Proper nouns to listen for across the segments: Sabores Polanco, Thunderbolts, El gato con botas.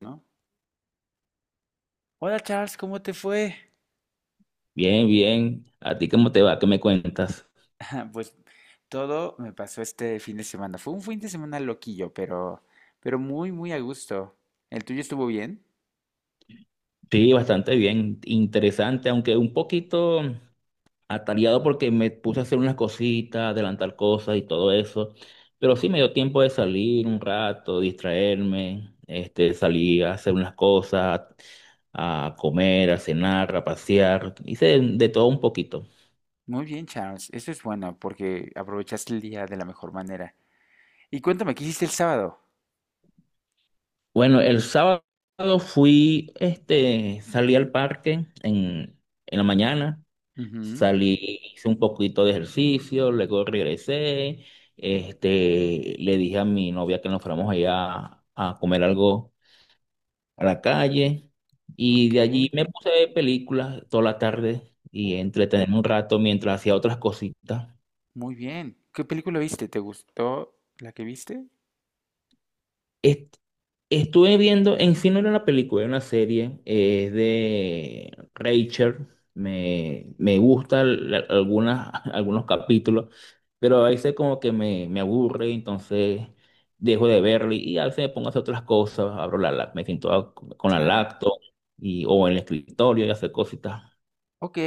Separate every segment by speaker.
Speaker 1: ¿No? Hola Charles, ¿cómo te fue?
Speaker 2: Bien, bien. ¿A ti cómo te va? ¿Qué me cuentas?
Speaker 1: Pues todo me pasó este fin de semana. Fue un fin de semana loquillo, pero muy, muy a gusto. ¿El tuyo estuvo bien?
Speaker 2: Sí, bastante bien. Interesante, aunque un poquito atareado porque me puse a hacer unas cositas, adelantar cosas y todo eso. Pero sí me dio tiempo de salir un rato, distraerme. Salí a hacer unas cosas, a comer, a cenar, a pasear. Hice de todo un poquito.
Speaker 1: Muy bien, Charles. Eso es bueno porque aprovechaste el día de la mejor manera. Y cuéntame, ¿qué hiciste el sábado?
Speaker 2: Bueno, el sábado fui, salí al parque en la mañana.
Speaker 1: Ujú,
Speaker 2: Salí, hice un poquito de ejercicio, luego regresé, le dije a mi novia que nos fuéramos allá a comer algo a la calle, y de
Speaker 1: ok.
Speaker 2: allí me puse a ver películas toda la tarde
Speaker 1: Oh,
Speaker 2: y entretenerme un rato mientras hacía otras cositas.
Speaker 1: muy bien. ¿Qué película viste? ¿Te gustó la que viste?
Speaker 2: Est- Estuve viendo, en sí no era una película, era una serie, es de Rachel. Me gustan algunas, algunos capítulos, pero a veces como que me aburre, entonces dejo de verlo, y a veces me pongo a hacer otras cosas, abro me siento con la
Speaker 1: Claro.
Speaker 2: laptop y, o en el escritorio, y hacer cositas.
Speaker 1: Ok.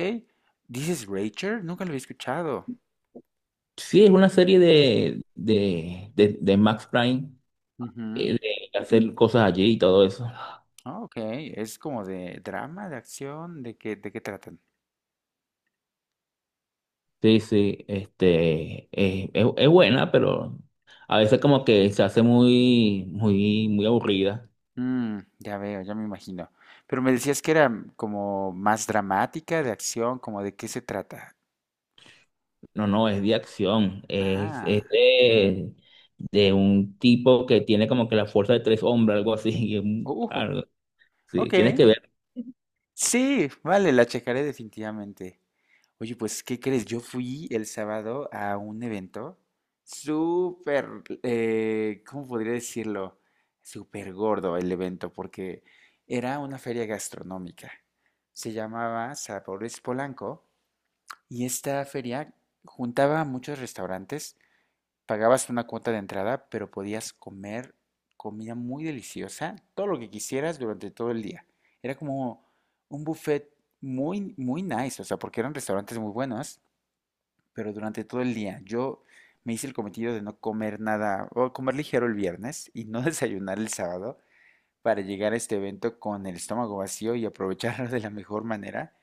Speaker 1: ¿Dices Rachel? Nunca lo había escuchado.
Speaker 2: Sí, es una serie de Max Prime, eh,
Speaker 1: Ujú.
Speaker 2: de hacer cosas allí y todo eso.
Speaker 1: Ah, ok, es como de drama, de acción, de qué tratan?
Speaker 2: Sí, sí, es, es buena, pero a veces como que se hace muy, muy, muy aburrida.
Speaker 1: Mm, ya veo, ya me imagino. Pero me decías que era como más dramática, de acción, como de qué se trata.
Speaker 2: No, no, es de acción, es
Speaker 1: Ah,
Speaker 2: de un tipo que tiene como que la fuerza de tres hombres, algo así. Y es
Speaker 1: uh,
Speaker 2: sí,
Speaker 1: ok,
Speaker 2: tienes que ver.
Speaker 1: sí, vale, la checaré definitivamente. Oye, pues, ¿qué crees? Yo fui el sábado a un evento súper, ¿cómo podría decirlo? Súper gordo el evento, porque era una feria gastronómica. Se llamaba Sabores Polanco y esta feria juntaba a muchos restaurantes, pagabas una cuota de entrada, pero podías comer comida muy deliciosa, todo lo que quisieras durante todo el día. Era como un buffet muy, muy nice, o sea, porque eran restaurantes muy buenos pero durante todo el día. Yo me hice el cometido de no comer nada, o comer ligero el viernes y no desayunar el sábado para llegar a este evento con el estómago vacío y aprovecharlo de la mejor manera.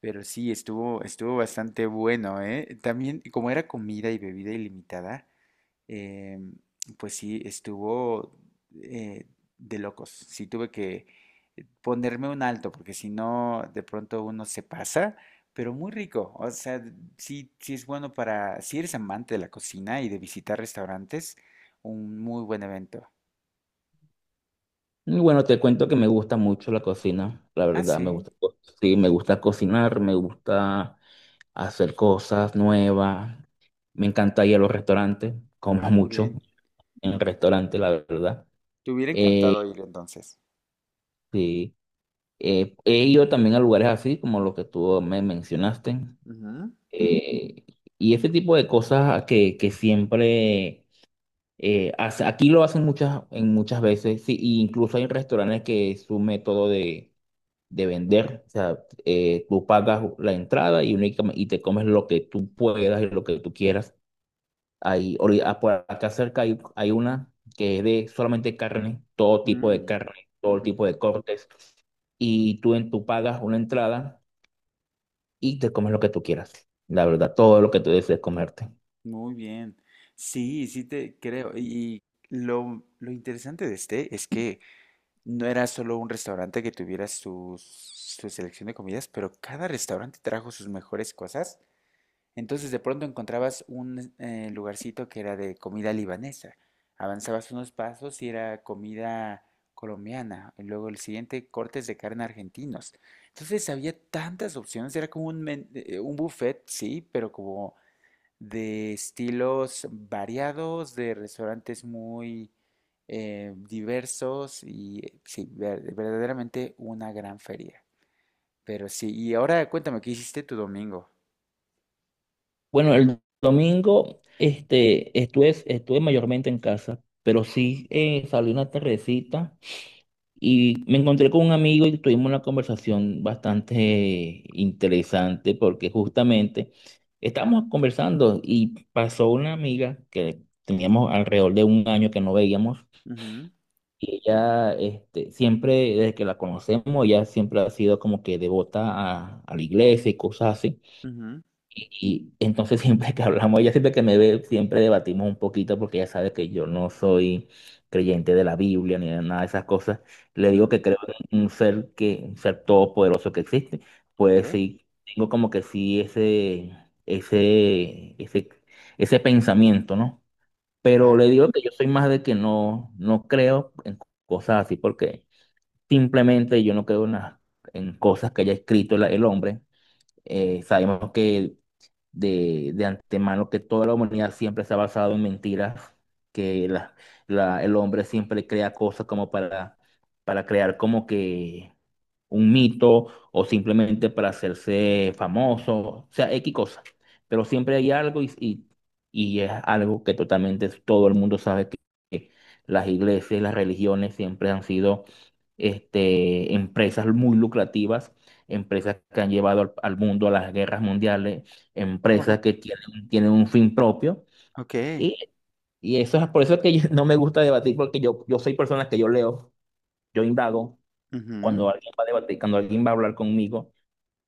Speaker 1: Pero sí, estuvo bastante bueno, ¿eh? También, como era comida y bebida ilimitada, eh, pues sí, estuvo eh, de locos. Sí tuve que ponerme un alto, porque si no, de pronto uno se pasa, pero muy rico. O sea, sí, sí es bueno para, si eres amante de la cocina y de visitar restaurantes, un muy buen evento.
Speaker 2: Y bueno, te cuento que me gusta mucho la cocina, la
Speaker 1: Ah,
Speaker 2: verdad, me
Speaker 1: sí.
Speaker 2: gusta, sí, me gusta cocinar, me gusta hacer cosas nuevas, me encanta ir a los restaurantes,
Speaker 1: Ah,
Speaker 2: como
Speaker 1: muy
Speaker 2: mucho
Speaker 1: bien.
Speaker 2: en restaurantes, la verdad.
Speaker 1: Te hubiera encantado
Speaker 2: Eh,
Speaker 1: ir entonces.
Speaker 2: sí. He ido también a lugares así, como los que tú me mencionaste.
Speaker 1: Ujú.
Speaker 2: eh, y ese tipo de cosas que siempre aquí lo hacen muchas, en muchas veces. Sí, y incluso hay restaurantes que es su método de vender. O sea, tú pagas la entrada y, únicamente, y te comes lo que tú puedas y lo que tú quieras. Por acá cerca hay una que es de solamente carne, todo tipo de
Speaker 1: Mm,
Speaker 2: carne, todo
Speaker 1: ujú.
Speaker 2: tipo de cortes. Y tú, tú pagas una entrada y te comes lo que tú quieras. La verdad, todo lo que tú desees comerte.
Speaker 1: Muy bien. Sí, sí te creo. Y lo interesante de este es que no era solo un restaurante que tuviera su su, selección de comidas, pero cada restaurante trajo sus mejores cosas. Entonces de pronto encontrabas un lugarcito que era de comida libanesa. Avanzabas unos pasos y era comida colombiana. Y luego el siguiente, cortes de carne argentinos. Entonces había tantas opciones. Era como un, un buffet, sí, pero como de estilos variados, de restaurantes muy diversos y sí, verdaderamente una gran feria. Pero sí, y ahora cuéntame, ¿qué hiciste tu domingo?
Speaker 2: Bueno, el domingo estuve, estuve mayormente en casa, pero sí, salí una tardecita y me encontré con un amigo, y tuvimos una conversación bastante interesante porque justamente estábamos conversando y pasó una amiga que teníamos alrededor de un año que no veíamos,
Speaker 1: Ujú,
Speaker 2: y ella, siempre, desde que la conocemos, ella siempre ha sido como que devota a la iglesia y cosas así.
Speaker 1: ujú,
Speaker 2: Y entonces siempre que hablamos, ella, siempre que me ve, siempre debatimos un poquito porque ella sabe que yo no soy creyente de la Biblia ni de nada de esas cosas. Le digo
Speaker 1: ujú.
Speaker 2: que creo en un ser que, un ser todopoderoso que existe.
Speaker 1: Ok,
Speaker 2: Pues sí, tengo como que sí ese, ese, ese pensamiento, ¿no? Pero
Speaker 1: va.
Speaker 2: le digo que yo soy más de que no, no creo en cosas así, porque simplemente yo no creo en cosas que haya escrito el hombre. Sabemos que de antemano que toda la humanidad siempre se ha basado en mentiras, que el hombre siempre crea cosas como para crear como que un mito, o simplemente para hacerse famoso, o sea, X cosa. Pero siempre hay algo, y es algo que totalmente todo el mundo sabe que las iglesias, las religiones siempre han sido, empresas muy lucrativas, empresas que han llevado al mundo a las guerras mundiales,
Speaker 1: Oh,
Speaker 2: empresas que tienen un fin propio.
Speaker 1: ok.
Speaker 2: Y, y eso es por eso que no me gusta debatir, porque yo soy persona que yo leo, yo indago.
Speaker 1: Ujú,
Speaker 2: Cuando alguien va a debatir, cuando alguien va a hablar conmigo,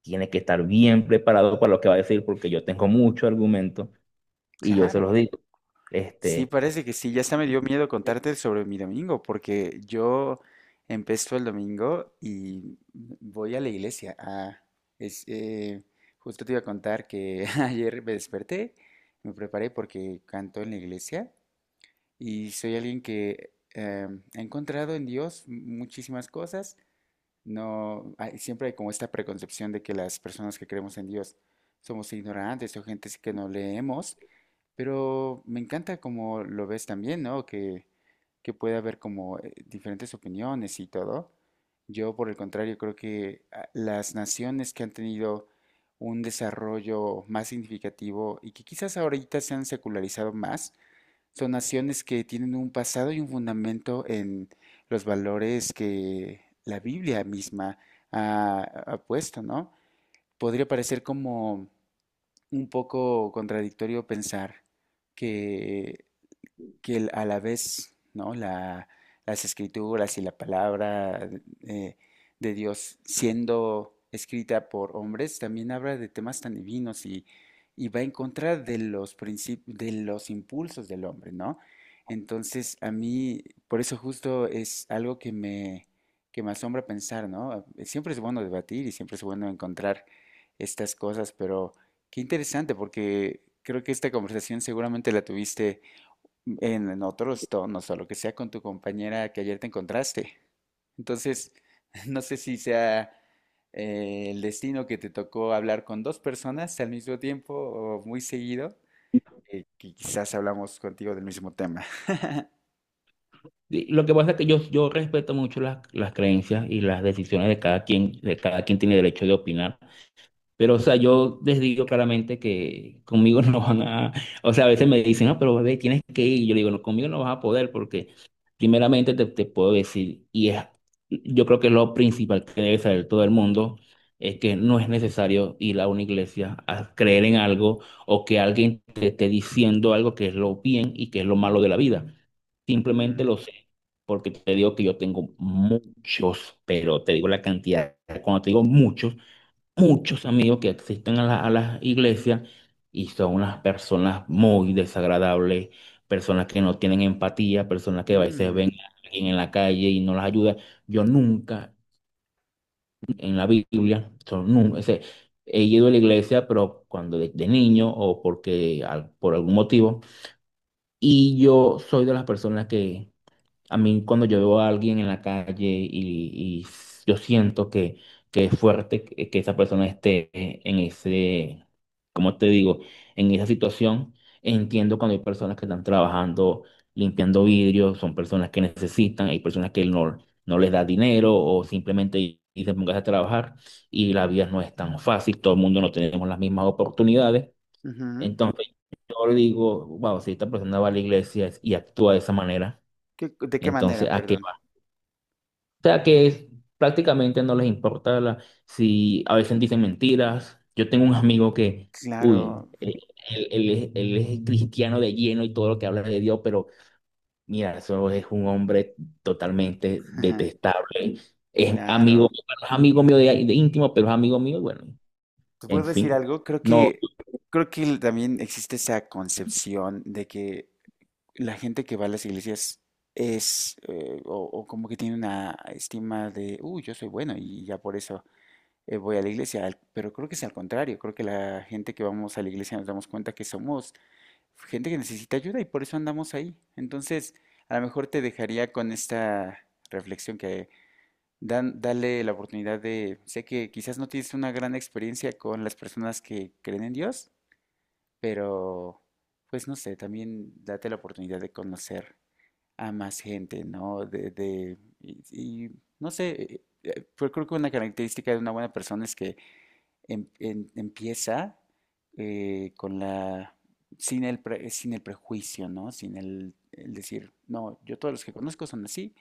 Speaker 2: tiene que estar bien preparado para lo que va a decir, porque yo tengo mucho argumento y yo se
Speaker 1: claro.
Speaker 2: los digo.
Speaker 1: Sí,
Speaker 2: Este,
Speaker 1: parece que sí. Ya hasta me dio miedo contarte sobre mi domingo, porque yo empezó el domingo y voy a la iglesia. Ah, es, justo te iba a contar que ayer me desperté, me preparé porque canto en la iglesia y soy alguien que ha encontrado en Dios muchísimas cosas. No, siempre hay como esta preconcepción de que las personas que creemos en Dios somos ignorantes o gente que no leemos. Pero me encanta como lo ves también, ¿no? Que puede haber como diferentes opiniones y todo. Yo, por el contrario, creo que ah, las naciones que han tenido un desarrollo más significativo y que quizás ahorita se han secularizado más, son naciones que tienen un pasado y un fundamento en los valores que la Biblia misma ha puesto, ¿no? Podría parecer como un poco contradictorio pensar que a la vez, ¿no? La, las escrituras y la palabra eh, de Dios siendo escrita por hombres, también habla de temas tan divinos y va en contra de los de los impulsos del hombre, ¿no? Entonces, a mí, por eso justo es algo que me asombra pensar, ¿no? Siempre es bueno debatir y siempre es bueno encontrar estas cosas, pero qué interesante, porque creo que esta conversación seguramente la tuviste en otros tonos o lo que sea con tu compañera que ayer te encontraste. Entonces, no sé si sea el destino que te tocó hablar con dos personas al mismo tiempo o muy seguido, que quizás hablamos contigo del mismo tema.
Speaker 2: y lo que pasa es que yo respeto mucho las creencias y las decisiones de cada quien tiene derecho de opinar. Pero, o sea, yo les digo claramente que conmigo no van a, o sea, a veces me dicen, no, pero bebé, tienes que ir. Y yo le digo, no, conmigo no vas a poder porque primeramente te puedo decir, y es, yo creo que lo principal que debe saber todo el mundo es que no es necesario ir a una iglesia a creer en algo, o que alguien te esté diciendo algo que es lo bien y que es lo malo de la vida.
Speaker 1: Mm,
Speaker 2: Simplemente lo sé, porque te digo que yo tengo muchos, pero te digo la cantidad, cuando te digo muchos, muchos amigos que asisten a las iglesias, y son unas personas muy desagradables, personas que no tienen empatía, personas que a veces
Speaker 1: mm,
Speaker 2: ven a alguien en la calle y no las ayuda. Yo nunca en la Biblia, son, nun- ese, he ido a la iglesia, pero cuando de niño o porque por algún motivo, y yo soy de las personas que, a mí cuando yo veo a alguien en la calle, y yo siento que es fuerte que esa persona esté en ese, ¿cómo te digo? En esa situación, entiendo cuando hay personas que están trabajando limpiando vidrios, son personas que necesitan, hay personas que no, no les da dinero o simplemente dicen póngase a trabajar, y la vida no es tan fácil, todo el mundo no tenemos las mismas oportunidades.
Speaker 1: ujú.
Speaker 2: Entonces yo digo, wow, si esta persona va a la iglesia y actúa de esa manera,
Speaker 1: ¿Qué- de qué
Speaker 2: entonces
Speaker 1: manera,
Speaker 2: ¿a qué?
Speaker 1: perdón?
Speaker 2: O sea que prácticamente no les importa si a veces dicen mentiras. Yo tengo un amigo que, uy,
Speaker 1: Claro,
Speaker 2: él, él es cristiano de lleno, y todo lo que habla es de Dios, pero mira, eso es un hombre totalmente detestable. Es amigo,
Speaker 1: claro.
Speaker 2: bueno, es amigo mío de íntimo, pero es amigo mío, y bueno,
Speaker 1: ¿Te
Speaker 2: en
Speaker 1: puedo decir
Speaker 2: fin.
Speaker 1: algo?
Speaker 2: No,
Speaker 1: Creo que también existe esa concepción de que la gente que va a las iglesias es, o como que tiene una estima de, uy, yo soy bueno y ya por eso voy a la iglesia, al- pero creo que es al contrario, creo que la gente que vamos a la iglesia nos damos cuenta que somos gente que necesita ayuda y por eso andamos ahí. Entonces, a lo mejor te dejaría con esta reflexión que dale la oportunidad de, sé que quizás no tienes una gran experiencia con las personas que creen en Dios, pero pues no sé, también date la oportunidad de conocer a más gente, ¿no? Y no sé, pues creo que una característica de una buena persona es que empieza con la, sin el prejuicio, ¿no? Sin el, el decir, no, yo todos los que conozco son así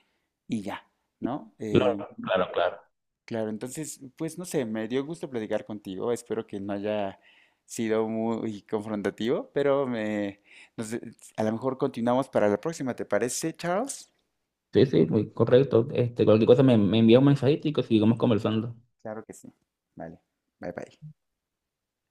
Speaker 1: y ya, ¿no?
Speaker 2: claro, claro, claro.
Speaker 1: Claro, entonces, pues no sé, me dio gusto platicar contigo, espero que no haya sido muy confrontativo, pero me, nos- a lo mejor continuamos para la próxima, ¿te parece, Charles?
Speaker 2: Sí, sí, muy correcto. Cualquier cosa me envía un mensajito, y que sigamos conversando.
Speaker 1: Claro que sí. Vale. Bye bye.